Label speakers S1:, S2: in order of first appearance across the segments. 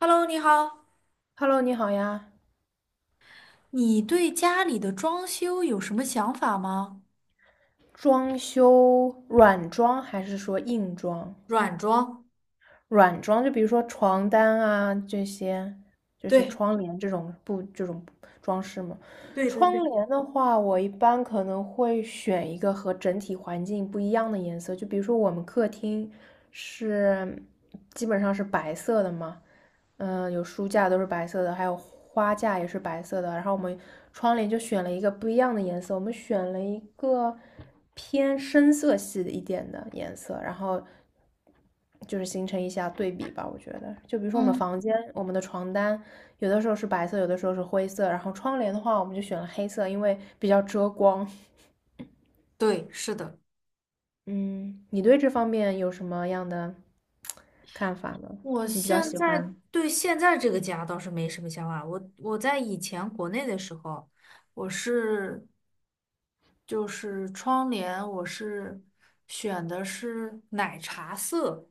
S1: Hello，你好，
S2: Hello，你好呀，
S1: 你对家里的装修有什么想法吗？
S2: 装修软装还是说硬装？
S1: 软装，
S2: 软装，就比如说床单啊这些，这些
S1: 对，
S2: 窗帘这种布这种装饰嘛。
S1: 对对
S2: 窗
S1: 对，
S2: 帘的话，我一般可能会选一个和整体环境不一样的颜色，就比如说我们客厅是基本上是白色的嘛。有书架都是白色的，还有花架也是白色的。然后我们窗帘就选了一个不一样的颜色，我们选了一个偏深色系的一点的颜色，然后就是形成一下对比吧，我觉得，就比如说我们
S1: 嗯，
S2: 房间，我们的床单，有的时候是白色，有的时候是灰色，然后窗帘的话，我们就选了黑色，因为比较遮光。
S1: 对，是的。
S2: 嗯，你对这方面有什么样的看法呢？
S1: 我
S2: 你比较
S1: 现
S2: 喜
S1: 在
S2: 欢？
S1: 对现在这个家倒是没什么想法。我在以前国内的时候，我是就是窗帘，我是选的是奶茶色，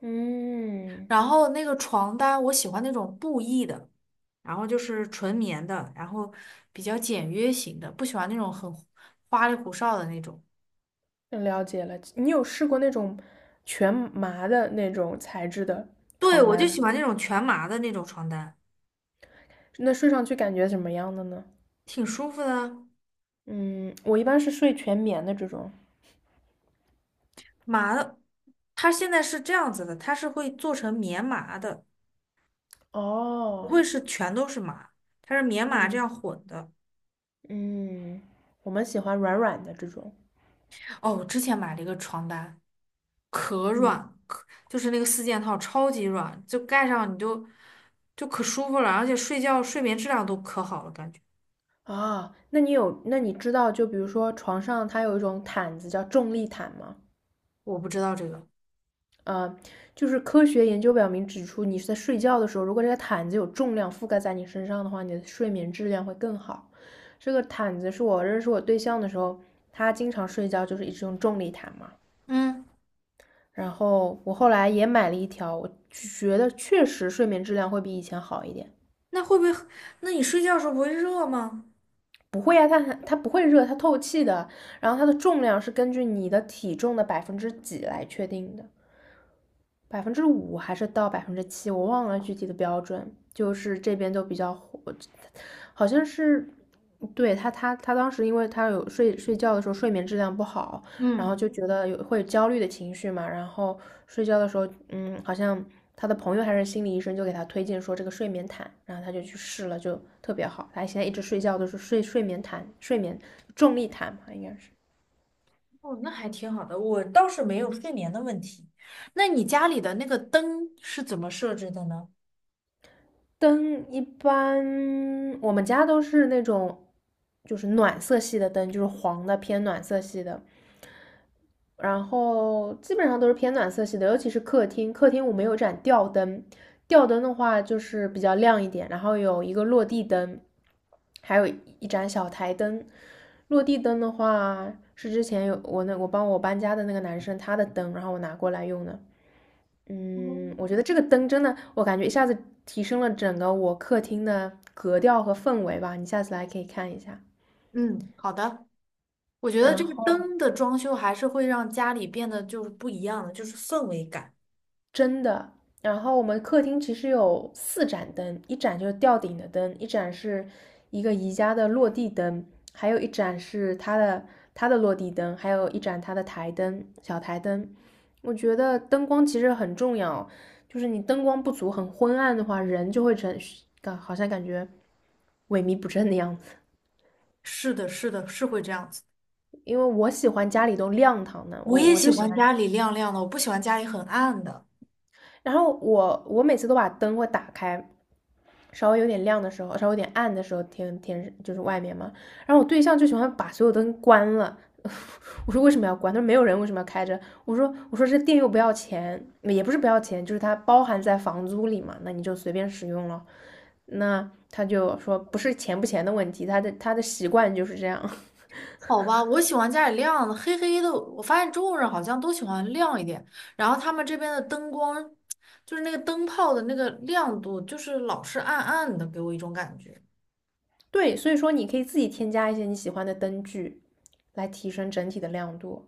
S2: 嗯，
S1: 然后那个床单，我喜欢那种布艺的，然后就是纯棉的，然后比较简约型的，不喜欢那种很花里胡哨的那种。
S2: 了解了。你有试过那种全麻的那种材质的
S1: 对，
S2: 床
S1: 我就
S2: 单吗？
S1: 喜欢那种全麻的那种床单，
S2: 那睡上去感觉怎么样的呢？
S1: 挺舒服的啊。
S2: 嗯，我一般是睡全棉的这种。
S1: 麻的，它现在是这样子的，它是会做成棉麻的，不
S2: 哦，
S1: 会是全都是麻，它是棉麻这
S2: 嗯。
S1: 样混的。
S2: 嗯，我们喜欢软软的这种。
S1: 哦，我之前买了一个床单，可
S2: 嗯，
S1: 软，可就是那个四件套超级软，就盖上你就可舒服了，而且睡觉睡眠质量都可好了，感觉。
S2: 啊，那你知道，就比如说床上它有一种毯子叫重力毯吗？
S1: 我不知道这个，
S2: 呃，就是科学研究表明指出，你是在睡觉的时候，如果这个毯子有重量覆盖在你身上的话，你的睡眠质量会更好。这个毯子是我认识我对象的时候，他经常睡觉就是一直用重力毯嘛。
S1: 嗯
S2: 然后我后来也买了一条，我觉得确实睡眠质量会比以前好一点。
S1: 那会不会？那你睡觉的时候不会热吗？
S2: 不会啊，它不会热，它透气的。然后它的重量是根据你的体重的百分之几来确定的。5%还是到7%，我忘了具体的标准，就是这边都比较火，好像是，对他当时因为他有睡觉的时候睡眠质量不好，然后
S1: 嗯，
S2: 就觉得有会有焦虑的情绪嘛，然后睡觉的时候，好像他的朋友还是心理医生就给他推荐说这个睡眠毯，然后他就去试了，就特别好，他现在一直睡觉都是睡眠毯、睡眠重力毯嘛，应该是。
S1: 哦，那还挺好的，我倒是没有睡眠的问题。那你家里的那个灯是怎么设置的呢？
S2: 灯一般我们家都是那种就是暖色系的灯，就是黄的偏暖色系的，然后基本上都是偏暖色系的，尤其是客厅，客厅我们有盏吊灯，吊灯的话就是比较亮一点，然后有一个落地灯，还有一盏小台灯。落地灯的话是之前有我帮我搬家的那个男生他的灯，然后我拿过来用的。我觉
S1: 哦
S2: 得这个灯真的，我感觉一下子提升了整个我客厅的格调和氛围吧。你下次来可以看一下。
S1: 嗯，好的。我觉得
S2: 然
S1: 这个
S2: 后，
S1: 灯的装修还是会让家里变得就是不一样的，就是氛围感。
S2: 真的。然后我们客厅其实有四盏灯，一盏就是吊顶的灯，一盏是一个宜家的落地灯，还有一盏是它的落地灯，还有一盏它的台灯，小台灯。我觉得灯光其实很重要，就是你灯光不足、很昏暗的话，人就会成感好像感觉萎靡不振的样子。
S1: 是的，是的，是会这样子。
S2: 因为我喜欢家里都亮堂的，
S1: 我
S2: 我
S1: 也
S2: 我
S1: 喜
S2: 就喜
S1: 欢
S2: 欢
S1: 家里亮亮的，我不喜欢家里很暗的。
S2: 然后我每次都把灯会打开，稍微有点亮的时候，稍微有点暗的时候，天天就是外面嘛。然后我对象就喜欢把所有灯关了。我说为什么要关？他说没有人为什么要开着？我说这电又不要钱，也不是不要钱，就是它包含在房租里嘛，那你就随便使用了。那他就说不是钱不钱的问题，他的习惯就是这样。
S1: 好吧，我喜欢家里亮的，黑黑的。我发现中国人好像都喜欢亮一点，然后他们这边的灯光，就是那个灯泡的那个亮度，就是老是暗暗的，给我一种感觉。
S2: 对，所以说你可以自己添加一些你喜欢的灯具，来提升整体的亮度。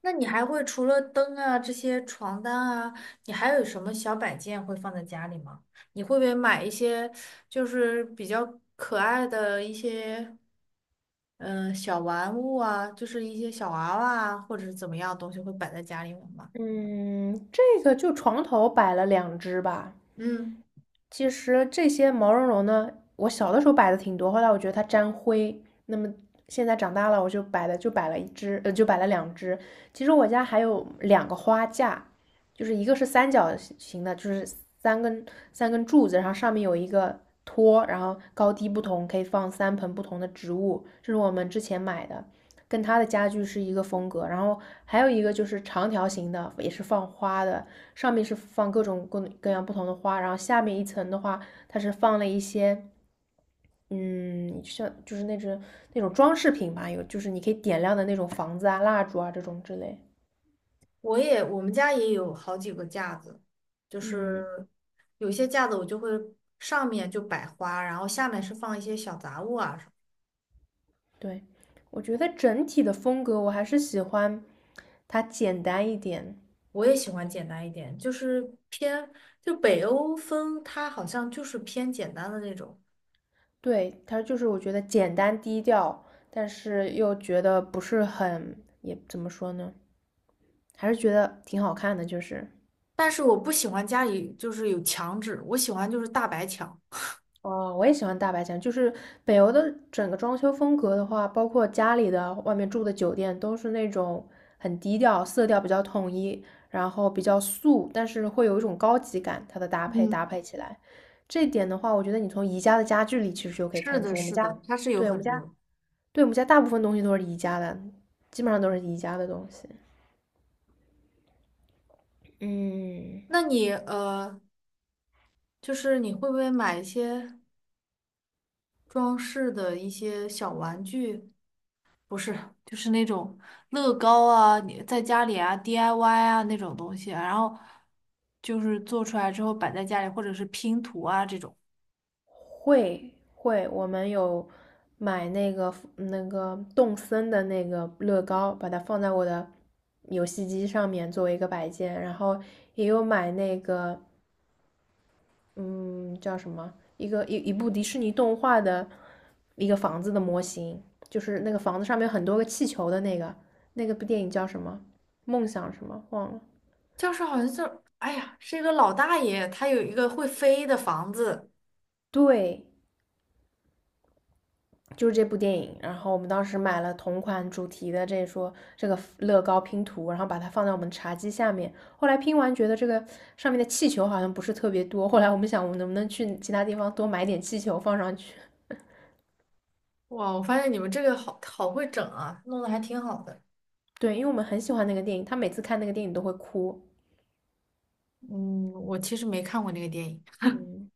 S1: 那你还会除了灯啊这些床单啊，你还有什么小摆件会放在家里吗？你会不会买一些就是比较可爱的一些小玩物啊，就是一些小娃娃啊，或者是怎么样的东西会摆在家里面吗？
S2: 嗯，这个就床头摆了两只吧。
S1: 嗯，
S2: 其实这些毛茸茸呢，我小的时候摆的挺多，后来我觉得它沾灰，那么现在长大了，我就摆的就摆了一只，就摆了两只。其实我家还有两个花架，就是一个是三角形的，就是三根三根柱子，然后上面有一个托，然后高低不同，可以放三盆不同的植物，这是我们之前买的。跟他的家具是一个风格。然后还有一个就是长条形的，也是放花的，上面是放各种各样不同的花，然后下面一层的话，它是放了一些。嗯，像就是那种装饰品吧，有就是你可以点亮的那种房子啊、蜡烛啊这种之类。
S1: 我们家也有好几个架子，就
S2: 嗯，
S1: 是有些架子我就会上面就摆花，然后下面是放一些小杂物啊。
S2: 对，我觉得整体的风格我还是喜欢它简单一点。
S1: 我也喜欢简单一点，就是偏，就北欧风，它好像就是偏简单的那种。
S2: 对，它就是我觉得简单低调，但是又觉得不是很，也怎么说呢？还是觉得挺好看的，就是
S1: 但是我不喜欢家里就是有墙纸，我喜欢就是大白墙。
S2: 哦，我也喜欢大白墙，就是北欧的整个装修风格的话，包括家里的、外面住的酒店，都是那种很低调，色调比较统一，然后比较素，但是会有一种高级感，它的搭配搭
S1: 嗯，
S2: 配起来，这一点的话，我觉得你从宜家的家具里其实就可以
S1: 是
S2: 看
S1: 的，
S2: 出，我们
S1: 是
S2: 家，
S1: 的，它是有
S2: 对，我们
S1: 很
S2: 家，
S1: 多的
S2: 对，我们家大部分东西都是宜家的，基本上都是宜家的东西，嗯。
S1: 那你就是你会不会买一些装饰的一些小玩具？不是，就是那种乐高啊，你在家里啊 DIY 啊那种东西啊，然后就是做出来之后摆在家里，或者是拼图啊这种。
S2: 会会，我们有买那个动森的那个乐高，把它放在我的游戏机上面作为一个摆件，然后也有买那个嗯叫什么一个一一部迪士尼动画的一个房子的模型，就是那个房子上面有很多个气球的那个，那个部电影叫什么？梦想什么？忘了。
S1: 教室好像就，哎呀，是一个老大爷，他有一个会飞的房子。
S2: 对，就是这部电影，然后我们当时买了同款主题的这个乐高拼图，然后把它放在我们茶几下面。后来拼完觉得这个上面的气球好像不是特别多，后来我们想我们能不能去其他地方多买点气球放上去？
S1: 哇，我发现你们这个好好会整啊，弄得还挺好的。
S2: 对，因为我们很喜欢那个电影，他每次看那个电影都会哭。
S1: 嗯，我其实没看过那个电影。
S2: 嗯，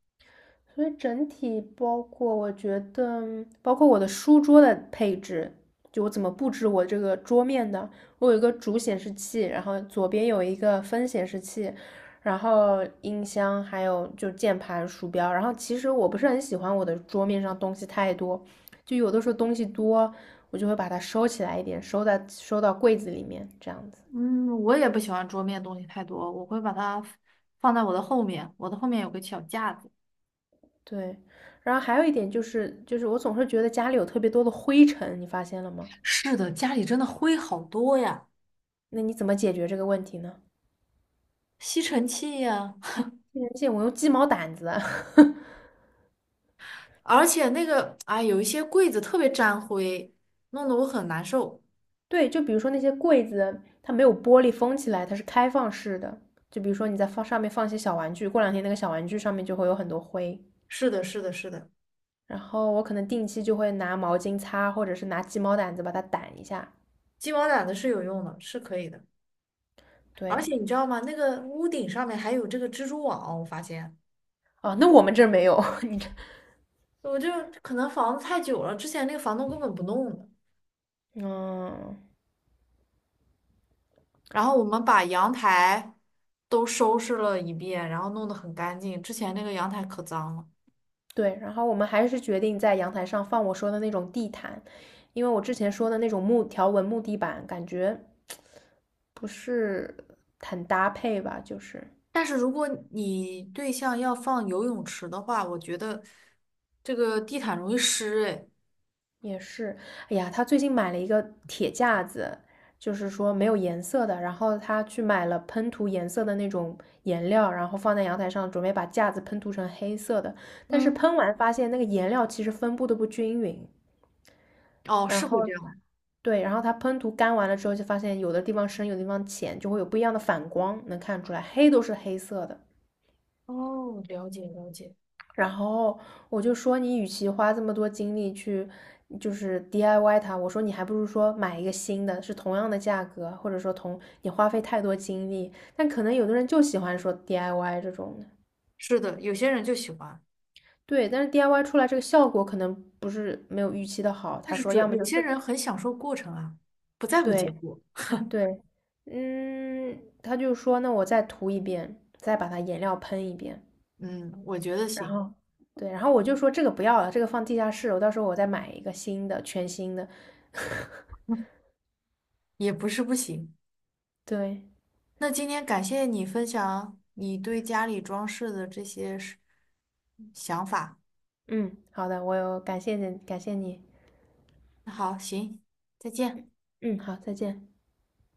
S2: 所以整体包括，我觉得包括我的书桌的配置，就我怎么布置我这个桌面的。我有一个主显示器，然后左边有一个分显示器，然后音箱，还有就键盘、鼠标。然后其实我不是很喜欢我的桌面上东西太多，就有的时候东西多，我就会把它收起来一点，收在收到柜子里面这样子。
S1: 嗯，我也不喜欢桌面东西太多，我会把它放在我的后面，我的后面有个小架子。
S2: 对，然后还有一点就是，就是我总是觉得家里有特别多的灰尘，你发现了吗？
S1: 是的，家里真的灰好多呀，
S2: 那你怎么解决这个问题呢？
S1: 吸尘器呀，
S2: 而且我用鸡毛掸子，
S1: 而且那个，哎，有一些柜子特别沾灰，弄得我很难受。
S2: 对，就比如说那些柜子，它没有玻璃封起来，它是开放式的。就比如说你在放上面放一些小玩具，过两天那个小玩具上面就会有很多灰。
S1: 是的，是的，是的，
S2: 然后我可能定期就会拿毛巾擦，或者是拿鸡毛掸子把它掸一下。
S1: 鸡毛掸子是有用的，是可以的。而
S2: 对，
S1: 且你知道吗？那个屋顶上面还有这个蜘蛛网，我发现，
S2: 啊，那我们这儿没有，你这，
S1: 我就可能房子太久了，之前那个房东根本不弄的。
S2: 嗯，
S1: 然后我们把阳台都收拾了一遍，然后弄得很干净。之前那个阳台可脏了。
S2: 对。然后我们还是决定在阳台上放我说的那种地毯，因为我之前说的那种木条纹木地板，感觉不是很搭配吧，就是
S1: 但是如果你对象要放游泳池的话，我觉得这个地毯容易湿，哎，
S2: 也是，哎呀，他最近买了一个铁架子，就是说没有颜色的，然后他去买了喷涂颜色的那种颜料，然后放在阳台上，准备把架子喷涂成黑色的，但是
S1: 嗯，
S2: 喷完发现那个颜料其实分布的不均匀，
S1: 哦，
S2: 然
S1: 是会这
S2: 后
S1: 样。
S2: 对，然后它喷涂干完了之后，就发现有的地方深，有的地方浅，就会有不一样的反光，能看出来，黑都是黑色的。
S1: 哦，了解了解。
S2: 然后我就说，你与其花这么多精力去就是 DIY 它，我说你还不如说买一个新的，是同样的价格，或者说同你花费太多精力。但可能有的人就喜欢说 DIY 这种的，
S1: 是的，有些人就喜欢，
S2: 对，但是 DIY 出来这个效果可能不是没有预期的好。
S1: 但
S2: 他
S1: 是
S2: 说，
S1: 主
S2: 要么
S1: 有
S2: 就
S1: 些
S2: 自，
S1: 人很享受过程啊，不在乎结
S2: 对
S1: 果。
S2: 对，嗯，他就说，那我再涂一遍，再把它颜料喷一遍。
S1: 嗯，我觉得
S2: 然
S1: 行，
S2: 后对，然后我就说这个不要了，这个放地下室，我到时候我再买一个新的，全新的。
S1: 也不是不行。
S2: 对，
S1: 那今天感谢你分享你对家里装饰的这些是想法。
S2: 嗯，好的，我有感谢你，感谢你，
S1: 那好，行，再见。
S2: 嗯，好，再见。